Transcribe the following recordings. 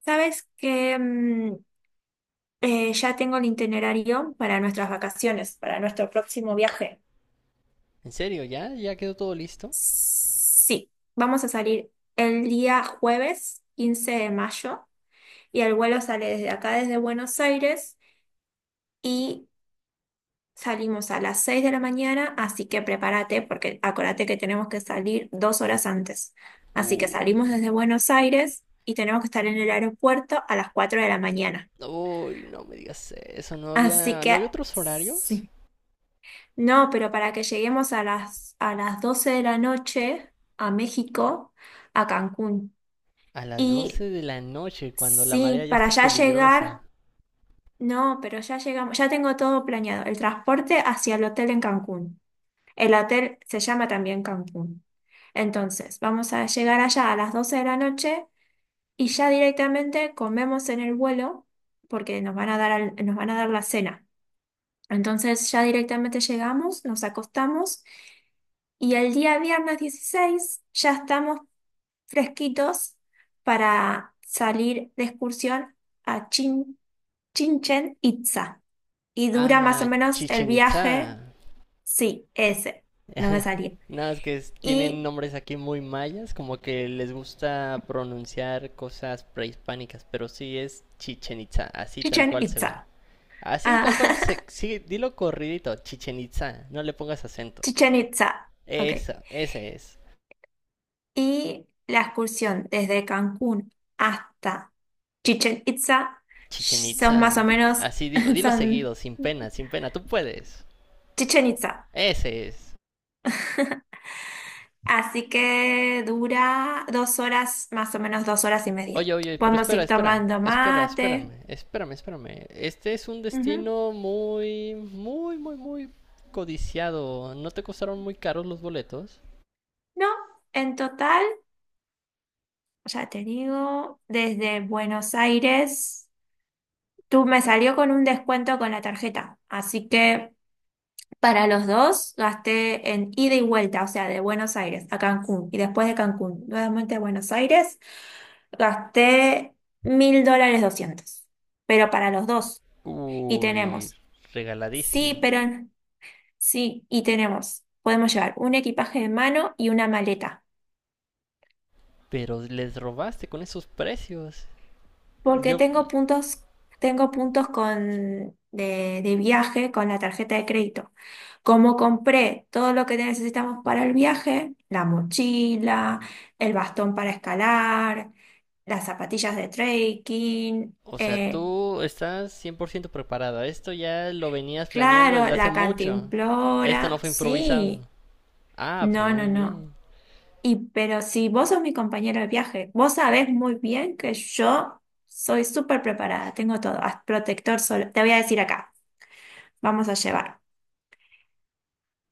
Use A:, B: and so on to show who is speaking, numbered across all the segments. A: Sabes que ya tengo el itinerario para nuestras vacaciones, para nuestro próximo viaje.
B: ¿En serio? ¿Ya? ¿Ya quedó todo listo?
A: Sí, vamos a salir el día jueves 15 de mayo, y el vuelo sale desde acá, desde Buenos Aires, y salimos a las 6 de la mañana, así que prepárate, porque acuérdate que tenemos que salir 2 horas antes. Así que
B: Uy,
A: salimos desde Buenos Aires y tenemos que estar en el aeropuerto a las 4 de la mañana.
B: uy, no me digas eso. ¿No
A: Así
B: había, no
A: que,
B: había otros horarios?
A: sí. No, pero para que lleguemos a las 12 de la noche a México, a Cancún.
B: A las
A: Y
B: 12 de la noche, cuando la marea
A: sí,
B: ya
A: para
B: está
A: ya
B: peligrosa.
A: llegar, no, pero ya llegamos, ya tengo todo planeado. El transporte hacia el hotel en Cancún. El hotel se llama también Cancún. Entonces, vamos a llegar allá a las 12 de la noche, y ya directamente comemos en el vuelo porque nos van a dar, nos van a dar la cena. Entonces, ya directamente llegamos, nos acostamos. Y el día viernes 16 ya estamos fresquitos para salir de excursión a Chichen Itza. Y dura más o
B: Ah,
A: menos el
B: Chichen
A: viaje,
B: Itza.
A: sí, ese, no me salía.
B: Nada, tienen
A: Y
B: nombres aquí muy mayas, como que les gusta pronunciar cosas prehispánicas, pero sí es Chichen Itza, así tal
A: Chichen
B: cual se ve.
A: Itza.
B: Así
A: Ah,
B: tal cual, se, sí, dilo corridito, Chichen Itza, no le pongas acento.
A: Chichen Itza, ok.
B: Esa, ese es.
A: Y la excursión desde Cancún hasta Chichen Itza
B: Chichen
A: son más o
B: Itza.
A: menos,
B: Así dilo, dilo
A: son
B: seguido, sin pena, sin pena, tú puedes.
A: Chichen Itza.
B: Ese es.
A: Así que dura 2 horas, más o menos 2 horas y media.
B: Oye, oye, pero
A: Podemos
B: espera,
A: ir
B: espera,
A: tomando
B: espera,
A: mate.
B: espérame, espérame, espérame. Este es un
A: Ujú.
B: destino muy, muy, muy, muy codiciado. ¿No te costaron muy caros los boletos?
A: No, en total, ya te digo, desde Buenos Aires, tú me salió con un descuento con la tarjeta. Así que para los dos gasté en ida y vuelta, o sea, de Buenos Aires a Cancún y después de Cancún, nuevamente a Buenos Aires, gasté 1.200 dólares. Pero para los dos. Y
B: Uy,
A: tenemos, sí,
B: regaladísimo.
A: pero. Sí, y tenemos, podemos llevar un equipaje de mano y una maleta,
B: Pero les robaste con esos precios.
A: porque
B: Yo,
A: tengo puntos de viaje con la tarjeta de crédito. Como compré todo lo que necesitamos para el viaje, la mochila, el bastón para escalar, las zapatillas de trekking,
B: o sea, tú estás 100% preparado. Esto ya lo venías planeando
A: claro,
B: desde hace
A: la
B: mucho. Esto no
A: cantimplora,
B: fue improvisado.
A: sí,
B: Ah, pero
A: no, no,
B: muy
A: no.
B: bien.
A: Y pero si vos sos mi compañero de viaje, vos sabés muy bien que yo soy súper preparada, tengo todo, protector solar, te voy a decir acá, vamos a llevar.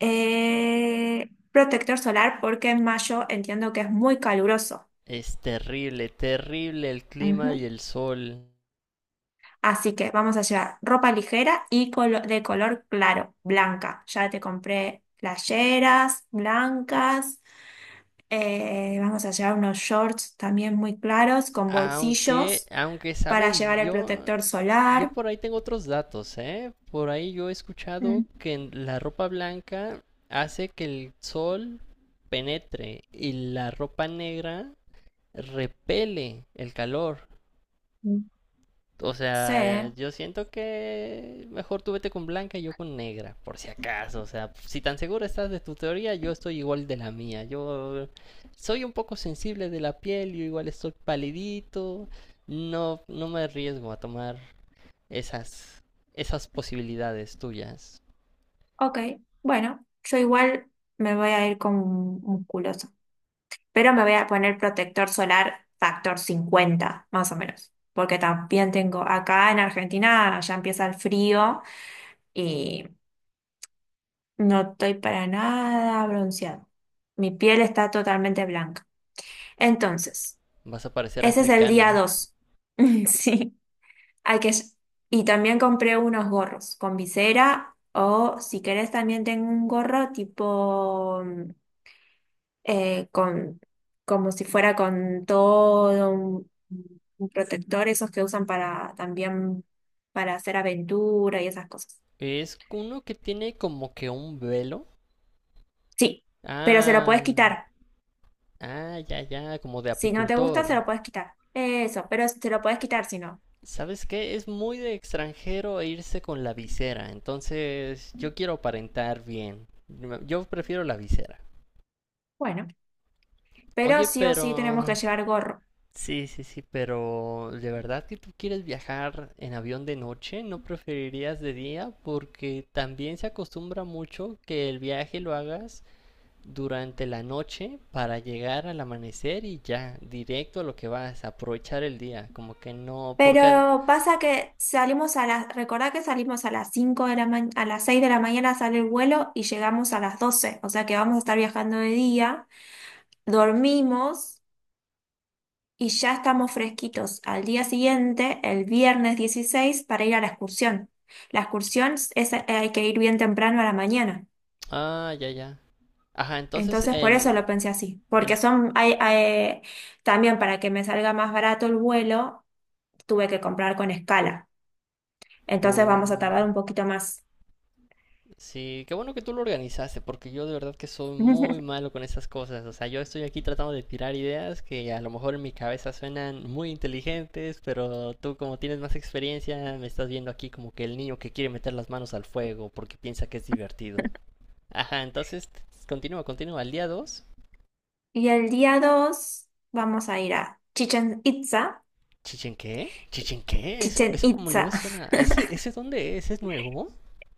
A: Protector solar porque en mayo entiendo que es muy caluroso.
B: Es terrible, terrible el clima y
A: Ujú.
B: el sol.
A: Así que vamos a llevar ropa ligera y de color claro, blanca. Ya te compré playeras blancas, vamos a llevar unos shorts también muy claros con
B: Aunque,
A: bolsillos
B: aunque,
A: para
B: sabes,
A: llevar el
B: yo,
A: protector
B: yo
A: solar.
B: por ahí tengo otros datos, ¿eh? Por ahí yo he escuchado
A: Mm.
B: que en la ropa blanca hace que el sol penetre y la ropa negra repele el calor.
A: Mm.
B: O
A: Sí,
B: sea, yo siento que mejor tú vete con blanca y yo con negra, por si acaso. O sea, si tan segura estás de tu teoría, yo estoy igual de la mía. Yo soy un poco sensible de la piel, yo igual estoy palidito. No, no me arriesgo a tomar esas, esas posibilidades tuyas.
A: ok. Bueno, yo igual me voy a ir con musculoso, pero me voy a poner protector solar factor 50, más o menos, porque también tengo acá en Argentina, ya empieza el frío, y no estoy para nada bronceado. Mi piel está totalmente blanca. Entonces,
B: Vas a parecer
A: ese es el día
B: africana.
A: 2. Sí. Hay que. Y también compré unos gorros con visera, o si querés también tengo un gorro tipo, con como si fuera con todo un protector, esos que usan para también para hacer aventura y esas cosas.
B: Es uno que tiene como que un velo.
A: Sí, pero se lo puedes
B: Ah,
A: quitar.
B: ah, ya, ya, como de
A: Si no te gusta, se
B: apicultor.
A: lo puedes quitar. Eso, pero se lo puedes quitar si no.
B: ¿Sabes qué? Es muy de extranjero e irse con la visera, entonces yo quiero aparentar bien. Yo prefiero la visera.
A: Bueno, pero
B: Oye,
A: sí o sí tenemos que
B: pero...
A: llevar gorro.
B: Sí, sí, sí, pero ¿de verdad que tú quieres viajar en avión de noche? ¿No preferirías de día? Porque también se acostumbra mucho que el viaje lo hagas durante la noche para llegar al amanecer y ya, directo a lo que vas, aprovechar el día, como que no, porque...
A: Pero pasa que salimos a recordá que salimos a las 5 de la ma- a las 6 de la mañana sale el vuelo, y llegamos a las 12, o sea que vamos a estar viajando de día, dormimos, y ya estamos fresquitos al día siguiente, el viernes 16, para ir a la excursión. La excursión hay que ir bien temprano a la mañana.
B: Ah, ya, ya. Ajá
A: Entonces por eso lo pensé así, porque
B: En-
A: también para que me salga más barato el vuelo, tuve que comprar con escala. Entonces vamos a
B: Oh,
A: tardar
B: ya.
A: un poquito más.
B: Sí, qué bueno que tú lo organizaste, porque yo de verdad que soy muy malo con esas cosas. O sea, yo estoy aquí tratando de tirar ideas que a lo mejor en mi cabeza suenan muy inteligentes, pero tú como tienes más experiencia, me estás viendo aquí como que el niño que quiere meter las manos al fuego porque piensa que es divertido. Ajá, entonces continúa, continúa. Al día dos,
A: Y el día 2 vamos a ir a Chichen Itza.
B: ¿Chichen qué? ¿Chichen qué? Eso,
A: Chichen
B: eso como no
A: Itza.
B: me suena. ¿Ese dónde es? ¿Es nuevo?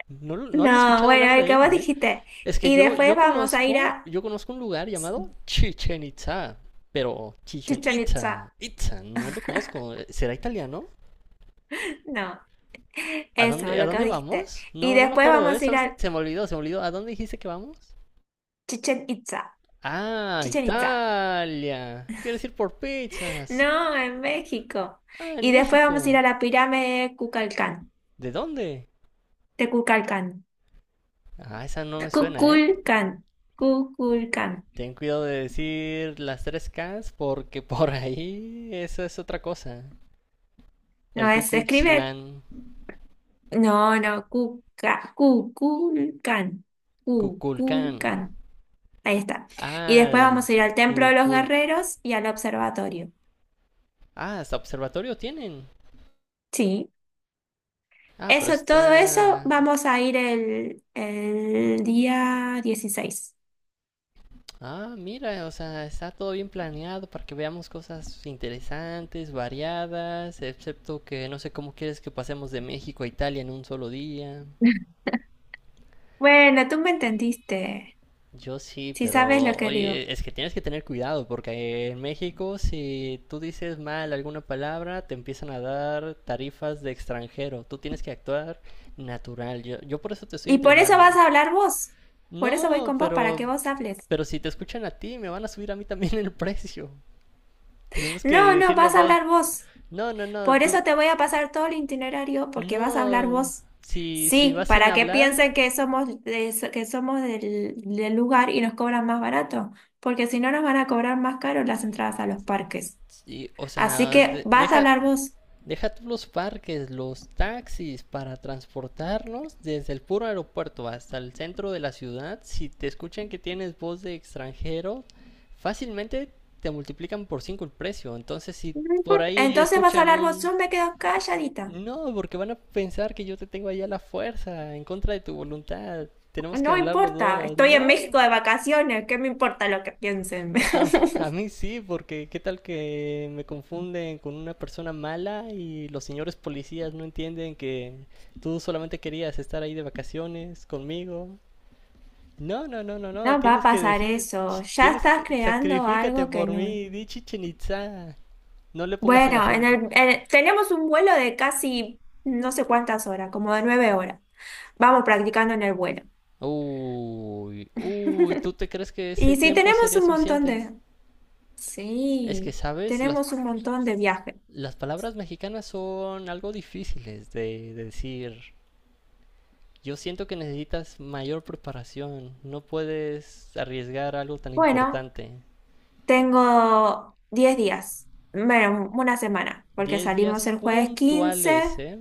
B: No, no había
A: No,
B: escuchado
A: bueno,
B: hablar
A: el
B: de
A: que vos
B: él, ¿eh?
A: dijiste.
B: Es que
A: Y
B: yo,
A: después
B: yo
A: vamos a ir
B: conozco,
A: a
B: yo conozco un lugar llamado Chichen Itza, pero Chichen
A: Chichen Itza.
B: Itza, Itza, no lo conozco. ¿Será italiano?
A: No,
B: ¿A
A: eso,
B: dónde, a
A: lo que vos
B: dónde
A: dijiste.
B: vamos?
A: Y
B: No, no me
A: después
B: acuerdo, ¿eh?
A: vamos a ir
B: ¿Sabes?
A: a
B: Se me olvidó, se me olvidó. ¿A dónde dijiste que vamos?
A: Chichen Itza.
B: Ah,
A: Chichen Itza.
B: Italia. Quiero decir por pizzas.
A: No, en México.
B: Ah, en
A: Y después vamos a ir
B: México.
A: a la pirámide de Kukulcán.
B: ¿De dónde?
A: De Kukulcán.
B: Ah, esa no me suena, ¿eh?
A: Kukulcán. Kukulcán.
B: Ten cuidado de decir las tres Ks porque por ahí eso es otra cosa.
A: No,
B: El Ku
A: se
B: Klux
A: escribe,
B: Klan,
A: no, no, Cuculcán,
B: Kukulkan.
A: Cuculcán. Ahí está. Y
B: Ah,
A: después
B: del
A: vamos a ir al Templo de los
B: Google.
A: Guerreros y al observatorio.
B: Ah, hasta observatorio tienen.
A: Sí.
B: Ah, pero
A: Eso, todo eso
B: está...
A: vamos a ir el día 16.
B: Ah, mira, o sea, está todo bien planeado para que veamos cosas interesantes, variadas, excepto que no sé cómo quieres que pasemos de México a Italia en un solo día.
A: Bueno, tú me entendiste,
B: Yo sí,
A: si sabes lo
B: pero
A: que digo.
B: oye, es que tienes que tener cuidado porque en México si tú dices mal alguna palabra te empiezan a dar tarifas de extranjero. Tú tienes que actuar natural. Yo por eso te estoy
A: Y por eso vas
B: entrenando.
A: a hablar vos. Por eso voy
B: No,
A: con vos, para que
B: pero,
A: vos hables.
B: pero si te escuchan a ti, me van a subir a mí también el precio. Tenemos que
A: No, no,
B: decir los
A: vas a
B: dos,
A: hablar vos.
B: no, no, no,
A: Por eso
B: tú,
A: te voy a pasar todo el itinerario, porque vas a hablar
B: no,
A: vos.
B: si
A: Sí,
B: vas sin
A: para que
B: hablar,
A: piensen que somos, que somos del lugar y nos cobran más barato, porque si no nos van a cobrar más caro las entradas a los parques.
B: sí, o
A: Así
B: sea,
A: que vas a
B: deja,
A: hablar vos.
B: deja tú los parques, los taxis para transportarnos desde el puro aeropuerto hasta el centro de la ciudad. Si te escuchan que tienes voz de extranjero, fácilmente te multiplican por 5 el precio. Entonces, si
A: No
B: por
A: importa.
B: ahí
A: Entonces vas a
B: escuchan
A: hablar vos,
B: un
A: yo me quedo calladita.
B: No, porque van a pensar que yo te tengo ahí a la fuerza, en contra de tu voluntad. Tenemos que
A: No
B: hablar los
A: importa,
B: dos.
A: estoy en México
B: No.
A: de vacaciones, ¿qué me importa lo que piensen?
B: A, a mí sí, porque qué tal que me confunden con una persona mala y los señores policías no entienden que tú solamente querías estar ahí de vacaciones conmigo. No, no, no, no,
A: No
B: no.
A: va a
B: Tienes que
A: pasar
B: decir,
A: eso. Ya
B: tienes
A: estás
B: que,
A: creando
B: sacrifícate
A: algo que
B: por
A: no.
B: mí, di Chichen Itza. No le pongas el
A: Bueno,
B: acento.
A: tenemos un vuelo de casi no sé cuántas horas, como de 9 horas. Vamos practicando en el vuelo.
B: Uy, uy, ¿tú te crees que ese
A: Y sí,
B: tiempo
A: tenemos
B: sería
A: un montón
B: suficiente?
A: de.
B: Es que,
A: Sí,
B: ¿sabes? Las,
A: tenemos un montón de viajes.
B: las palabras mexicanas son algo difíciles de decir. Yo siento que necesitas mayor preparación. No puedes arriesgar algo tan
A: Bueno,
B: importante.
A: tengo 10 días, bueno, una semana, porque
B: 10 días
A: salimos el jueves 15,
B: puntuales, ¿eh?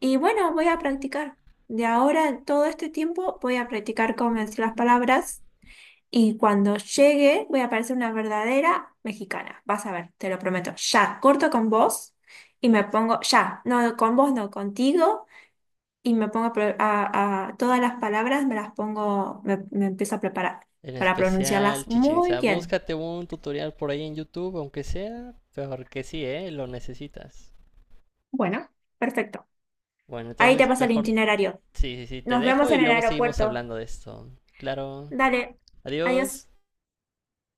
A: y bueno, voy a practicar. De ahora, todo este tiempo, voy a practicar cómo decir las palabras. Y cuando llegue, voy a parecer una verdadera mexicana. Vas a ver, te lo prometo. Ya, corto con vos y me pongo, ya, no con vos, no contigo, y me pongo a, todas las palabras, me las pongo, me empiezo a preparar
B: En
A: para pronunciarlas
B: especial, Chichen
A: muy
B: Itzá.
A: bien.
B: Búscate un tutorial por ahí en YouTube, aunque sea, porque sí, ¿eh? Lo necesitas.
A: Bueno, perfecto.
B: Bueno,
A: Ahí te
B: entonces
A: pasa el
B: mejor
A: itinerario.
B: Sí, sí, sí, te
A: Nos vemos
B: dejo y
A: en el
B: luego seguimos
A: aeropuerto.
B: hablando de esto. Claro.
A: Dale, adiós.
B: Adiós.